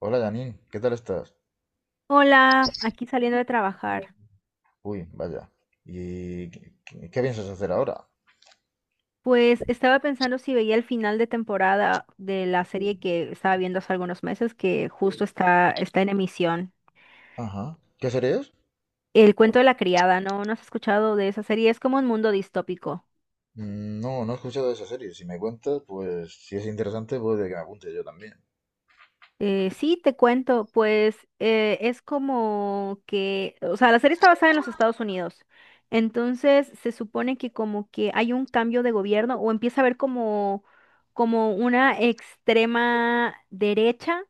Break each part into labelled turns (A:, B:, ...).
A: Hola Janine, ¿qué tal estás?
B: Hola, aquí saliendo de trabajar.
A: Uy, vaya. ¿Y qué piensas hacer ahora?
B: Pues estaba pensando si veía el final de temporada de la serie que estaba viendo hace algunos meses, que justo está en emisión.
A: Ajá. ¿Qué serie es?
B: El cuento de la criada, ¿no? ¿No has escuchado de esa serie? Es como un mundo distópico.
A: Mm, no, no he escuchado de esa serie. Si me cuentas, pues si es interesante, puede que me apunte yo también.
B: Sí, te cuento, pues es como que, o sea, la serie está basada en los Estados Unidos. Entonces se supone que como que hay un cambio de gobierno o empieza a haber como, como una extrema derecha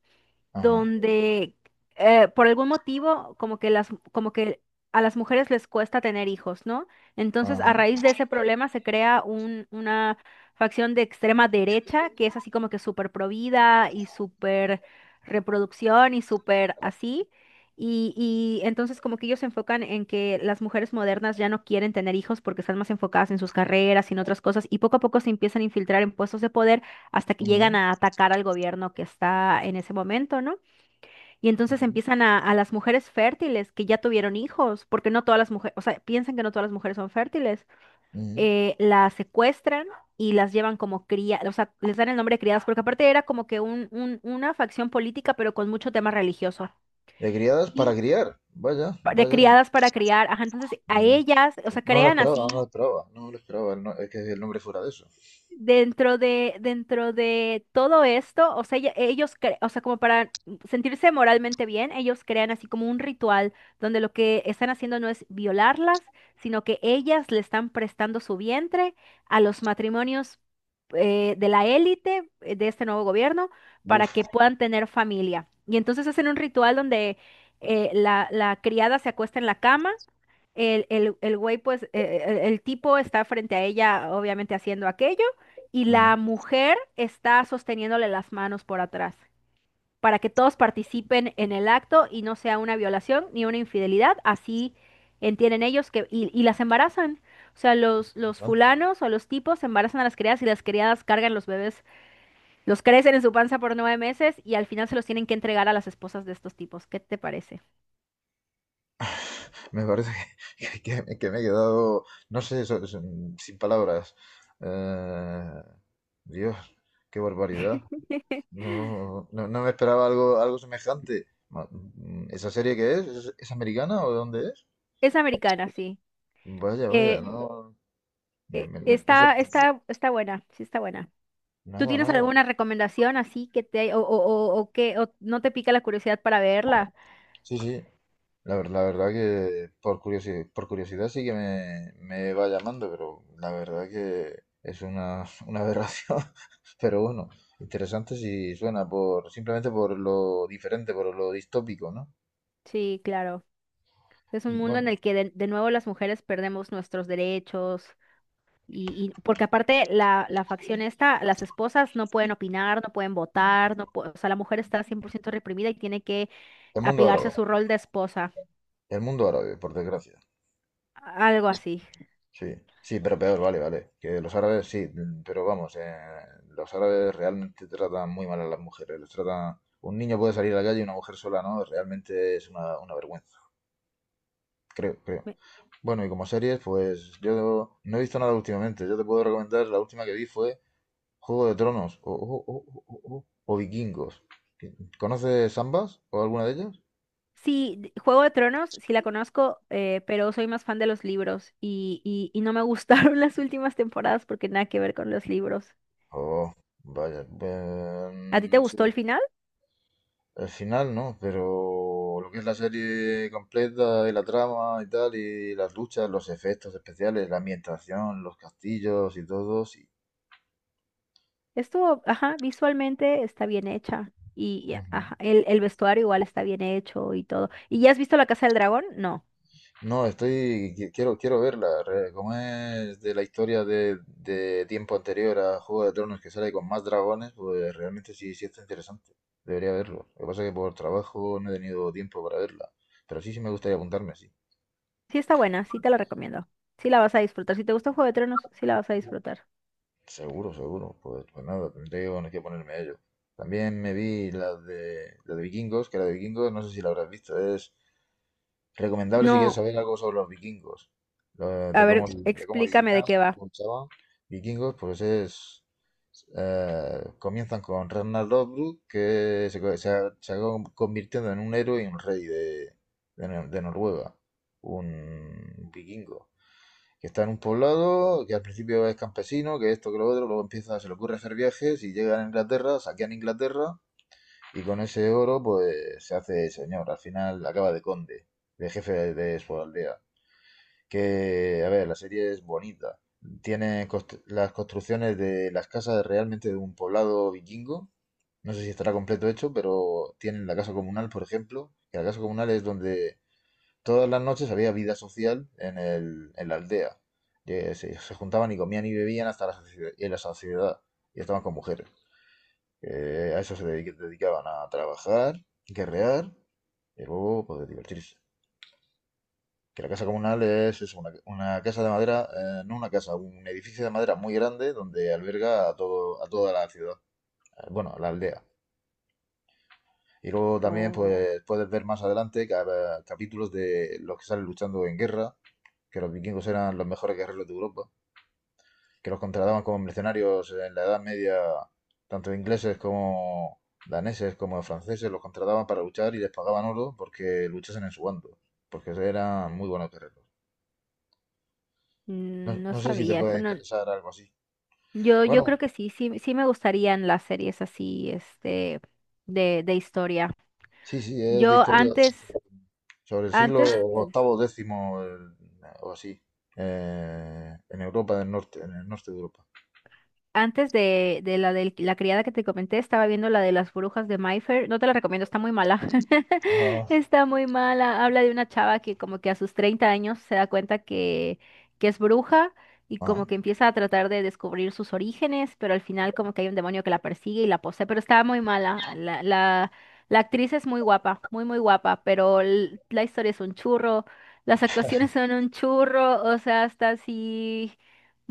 A: Ajá,
B: donde por algún motivo como que las como que a las mujeres les cuesta tener hijos, ¿no? Entonces, a raíz
A: ajá.
B: de ese problema se crea una facción de extrema derecha que es así como que súper provida y súper reproducción y súper así. Y entonces como que ellos se enfocan en que las mujeres modernas ya no quieren tener hijos porque están más enfocadas en sus carreras y en otras cosas y poco a poco se empiezan a infiltrar en puestos de poder hasta que
A: Ujú,
B: llegan a atacar al gobierno que está en ese momento, ¿no? Y entonces
A: ujú,
B: a las mujeres fértiles que ya tuvieron hijos, porque no todas las mujeres, o sea, piensan que no todas las mujeres son fértiles,
A: ujú.
B: las secuestran y las llevan como cría, o sea, les dan el nombre de criadas, porque aparte era como que una facción política, pero con mucho tema religioso.
A: De criadas
B: Y
A: para criar. Vaya,
B: de
A: vaya.
B: criadas para criar, ajá, entonces a
A: No,
B: ellas, o sea,
A: no lo
B: crean
A: esperaba, no lo
B: así.
A: esperaba. No lo esperaba. El es que el nombre fuera de eso.
B: Dentro de todo esto, o sea, ellos, o sea, como para sentirse moralmente bien, ellos crean así como un ritual donde lo que están haciendo no es violarlas, sino que ellas le están prestando su vientre a los matrimonios de la élite, de este nuevo gobierno para
A: Uf.
B: que puedan tener familia. Y entonces hacen un ritual donde la criada se acuesta en la cama. El güey, pues, el tipo está frente a ella, obviamente haciendo aquello y
A: Ajá,
B: la mujer está sosteniéndole las manos por atrás, para que todos participen en el acto y no sea una violación ni una infidelidad, así entienden ellos, y las embarazan. O sea, los
A: interesante.
B: fulanos o los tipos embarazan a las criadas y las criadas cargan los bebés, los crecen en su panza por 9 meses y al final se los tienen que entregar a las esposas de estos tipos. ¿Qué te parece?
A: Me parece que me he quedado, no sé, sin palabras. Eh, Dios, qué barbaridad. No, no, no me esperaba algo, algo semejante. ¿Esa serie qué es? Es americana o de dónde es?
B: Es americana, sí.
A: Vaya, vaya,
B: Eh,
A: no. Me, me, me- me he
B: está buena, sí está buena. ¿Tú
A: Nada,
B: tienes
A: nada.
B: alguna recomendación así que te o no te pica la curiosidad para verla?
A: Sí, sí. La verdad que por curiosidad sí que me va llamando, pero la verdad que es una una aberración. Pero bueno, interesante si suena por simplemente por lo diferente, por lo distópico, ¿no?
B: Sí, claro. Es un mundo en el
A: Bueno,
B: que de nuevo las mujeres perdemos nuestros derechos porque aparte la facción esta, las esposas no pueden opinar, no pueden votar, no pu- o sea, la mujer está 100% reprimida y tiene que
A: el mundo
B: apegarse a
A: árabe,
B: su rol de esposa,
A: el mundo árabe, por desgracia.
B: algo así.
A: Sí, sí, pero peor, vale, vale. Que los árabes sí, mm, pero vamos, los árabes realmente tratan muy mal a las mujeres. Les tratan, un niño puede salir a la calle y una mujer sola no, realmente es una vergüenza. Creo, creo.
B: Me-
A: Bueno, y como series, pues yo no he visto nada últimamente. Yo te puedo recomendar, la última que vi fue Juego de Tronos o Vikingos. ¿Conoces ambas o alguna de ellas?
B: Sí, Juego de Tronos, sí la conozco, pero soy más fan de los libros y no me gustaron las últimas temporadas porque nada que ver con los libros.
A: Oh, vaya.
B: ¿A ti te
A: Sí,
B: gustó el final?
A: el final no, pero lo que es la serie completa y la trama y tal, y las luchas, los efectos especiales, la ambientación, los castillos y todo, sí.
B: Esto, ajá, visualmente está bien hecha. Ajá, el vestuario igual está bien hecho y todo. ¿Y ya has visto La Casa del Dragón? No.
A: No, estoy, quiero, quiero verla, como es de la historia de tiempo anterior a Juego de Tronos que sale con más dragones, pues realmente sí, sí está interesante, debería verlo. Lo que pasa es que por trabajo no he tenido tiempo para verla, pero sí, sí me gustaría apuntarme, sí.
B: Sí está buena, sí te la recomiendo. Sí la vas a disfrutar. Si te gusta Juego de Tronos, sí la vas a disfrutar.
A: Seguro, seguro, pues, pues nada, tendré que bueno, que ponerme a ello. También me vi la de Vikingos, que la de Vikingos no sé si la habrás visto, es recomendable si quieres
B: No,
A: saber algo sobre los vikingos, lo-
B: a
A: de cómo,
B: ver,
A: de cómo
B: explícame
A: vivían,
B: de qué va.
A: cómo luchaban. Vikingos, pues es. Comienzan con Ragnar Lothbrok, que se, se ha convirtiendo en un héroe y un rey de, de Noruega, un vikingo, que está en un poblado, que al principio es campesino, que esto, que lo otro, luego empieza, se le ocurre hacer viajes y llegan a Inglaterra, saquean Inglaterra y con ese oro, pues se hace señor. Al final acaba de conde, de jefe de su aldea. Que, a ver, la serie es bonita. Tiene las construcciones de las casas realmente de un poblado vikingo. No sé si estará completo hecho, pero tienen la casa comunal, por ejemplo. Que la casa comunal es donde todas las noches había vida social en el, en la aldea. Que se juntaban y comían y bebían hasta en la saciedad. Y estaban con mujeres. A eso dedicaban a trabajar, guerrear y luego poder divertirse. Que la casa comunal es eso, una casa de madera, no una casa, un edificio de madera muy grande donde alberga a todo, a toda la ciudad, bueno, la aldea. Y luego también
B: Oh,
A: pues, puedes ver más adelante capítulos de los que salen luchando en guerra, que los vikingos eran los mejores guerreros de Europa, que los contrataban como mercenarios en la Edad Media, tanto ingleses como daneses como franceses, los contrataban para luchar y les pagaban oro porque luchasen en su bando, porque eran muy buenos guerreros. No,
B: mm, no
A: no sé si te
B: sabía, esto
A: puede
B: no.
A: interesar algo así.
B: Yo
A: Bueno,
B: creo que sí, sí, sí me gustarían las series así, este, de historia.
A: sí, sí, es de
B: Yo
A: historia
B: antes,
A: sobre el siglo
B: antes
A: octavo, décimo o así, en Europa del Norte, en el norte de Europa.
B: Antes de la criada que te comenté, estaba viendo la de las brujas de Mayfair. No te la recomiendo, está muy mala.
A: Ah,
B: Está muy mala. Habla de una chava que como que a sus 30 años se da cuenta que es bruja y
A: ajá,
B: como que empieza a tratar de descubrir sus orígenes, pero al final como que hay un demonio que la persigue y la posee, pero está muy mala. La actriz es muy guapa, muy, muy guapa, pero la historia es un churro. Las actuaciones son un churro, o sea, hasta así.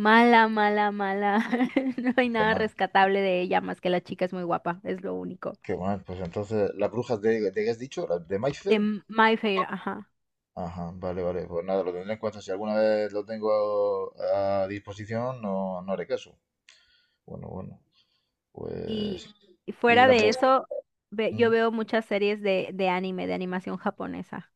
B: Mala, mala, mala. No hay
A: pues qué
B: nada
A: mal,
B: rescatable de ella más que la chica es muy guapa, es lo único.
A: qué mal. Pues entonces, ¿las brujas de qué has dicho? ¿Las de
B: De
A: Mayfair?
B: My Fair, ajá.
A: Ajá, vale, vale. Pues nada, lo tendré en cuenta. Si alguna vez lo tengo a disposición, no, no haré caso. Bueno, bueno.
B: Y,
A: Pues.
B: y
A: Y
B: fuera
A: la
B: de eso, yo
A: mm.
B: veo muchas series de anime, de animación japonesa.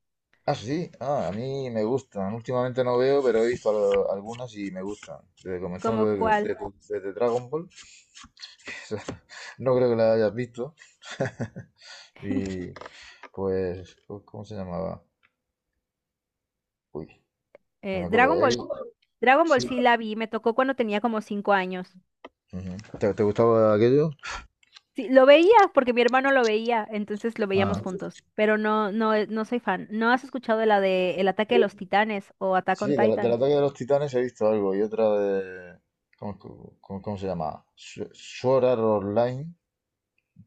A: Ah, sí. Ah, a mí me gustan. Últimamente no veo, pero he visto algunas y me gustan. Desde comenzando
B: ¿Como cuál?
A: desde, desde Dragon Ball. No creo que la hayas visto. Y pues, ¿cómo se llamaba? Uy, no me
B: Dragon
A: acuerdo. Él-
B: Ball, Dragon Ball
A: Sí.
B: sí la vi, me tocó cuando tenía como 5 años.
A: Ujú. ¿Te, te gustaba aquello?
B: Sí, lo veía porque mi hermano lo veía, entonces lo veíamos
A: Ah.
B: juntos. Pero no, no, no soy fan. ¿No has escuchado de la de El ataque de los titanes o Attack
A: Sí,
B: on
A: del
B: Titan?
A: ataque de los titanes he visto algo y otra de... ¿Cómo, cómo se llama? Sword Art Online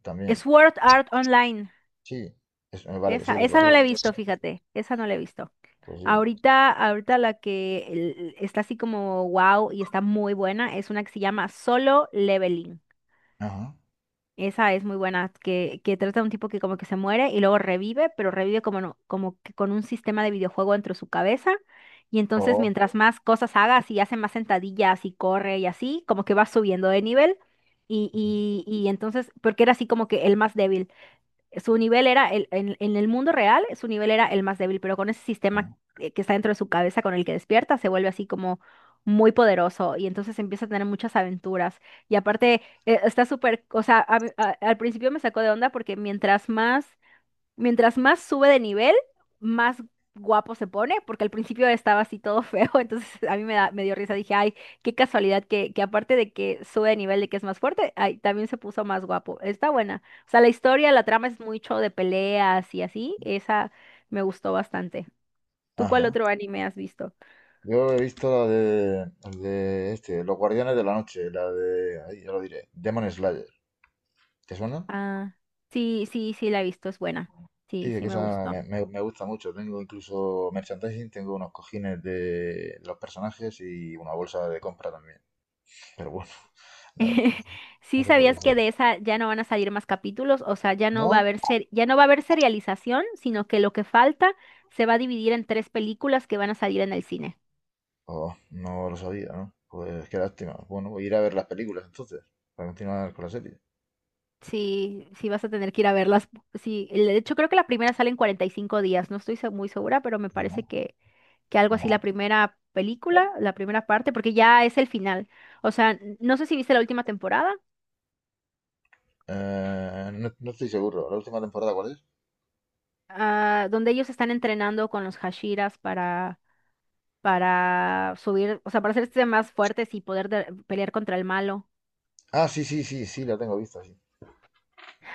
A: también.
B: Sword Art Online.
A: Sí, vale, sí, lo
B: Esa no la
A: conozco.
B: he visto, fíjate, esa no la he visto.
A: Pues sí.
B: Ahorita la que está así como wow y está muy buena es una que se llama Solo Leveling.
A: Ajá.
B: Esa es muy buena, que trata de un tipo que como que se muere y luego revive, pero revive como, como que con un sistema de videojuego dentro de su cabeza. Y entonces
A: Oh,
B: mientras más cosas hagas y hace más sentadillas y corre y así, como que va subiendo de nivel. Y entonces, porque era así como que el más débil. Su nivel era, en el mundo real, su nivel era el más débil, pero con ese sistema
A: oh,
B: que está dentro de su cabeza con el que despierta, se vuelve así como muy poderoso y entonces empieza a tener muchas aventuras. Y aparte, está súper, o sea, al principio me sacó de onda porque mientras más sube de nivel, más guapo se pone, porque al principio estaba así todo feo, entonces a mí me dio risa, dije, ay, qué casualidad que aparte de que sube de nivel, de que es más fuerte, ay, también se puso más guapo. Está buena. O sea, la historia, la trama es mucho de peleas y así, esa me gustó bastante. ¿Tú cuál
A: ajá.
B: otro anime has visto?
A: Yo he visto la de, el de este, Los Guardianes de la Noche, la de, ahí ya lo diré, Demon Slayer. ¿Te suena?
B: Ah, sí, sí, sí, la he visto, es buena. Sí,
A: Sí, es
B: sí
A: que
B: me
A: esa
B: gustó.
A: me gusta mucho. Tengo incluso merchandising, tengo unos cojines de los personajes y una bolsa de compra también. Pero bueno, nada,
B: ¿Sí
A: eso por
B: sabías
A: decir.
B: que de esa ya no van a salir más capítulos, o sea, ya no va a
A: ¿No?
B: haber ya no va a haber serialización, sino que lo que falta se va a dividir en tres películas que van a salir en el cine?
A: Oh, no lo sabía, ¿no? Pues qué lástima. Bueno, voy a ir a ver las películas entonces, para continuar con la serie.
B: Sí, sí vas a tener que ir a verlas. Sí, de hecho creo que la primera sale en 45 días, no estoy muy segura, pero me
A: Ajá,
B: parece que algo así
A: ajá.
B: la primera película, la primera parte, porque ya es el final. O sea, no sé si viste la última temporada,
A: No, no estoy seguro. ¿La última temporada cuál es?
B: ah, donde ellos están entrenando con los Hashiras para subir, o sea, para hacerse más fuertes y poder pelear contra el malo.
A: Ah, sí, sí, sí, sí, la tengo vista, sí.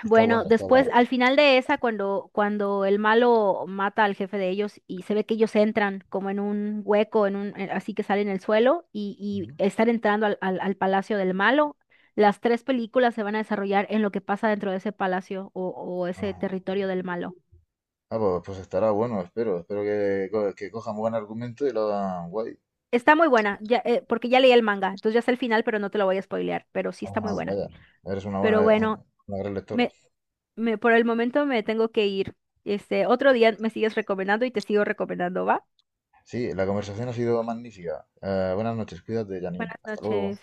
A: Está
B: Bueno,
A: buena, está buena.
B: después, al final de esa, cuando el malo mata al jefe de ellos y se ve que ellos entran como en un hueco, en un, así que salen el suelo y
A: Ujú,
B: están entrando al palacio del malo, las tres películas se van a desarrollar en lo que pasa dentro de ese palacio o ese
A: ajá.
B: territorio del malo.
A: Ah, pues, pues estará bueno, espero. Espero que, que cojan buen argumento y lo hagan guay.
B: Está muy buena, ya, porque ya leí el manga, entonces ya sé el final, pero no te lo voy a spoilear, pero sí está muy
A: Ajá,
B: buena.
A: vaya, eres una buena,
B: Pero bueno,
A: una gran lectora.
B: me, me, por el momento me tengo que ir. Este, otro día me sigues recomendando y te sigo recomendando, ¿va?
A: Sí, la conversación ha sido magnífica. Buenas noches, cuídate, Janine.
B: Buenas
A: Hasta luego.
B: noches.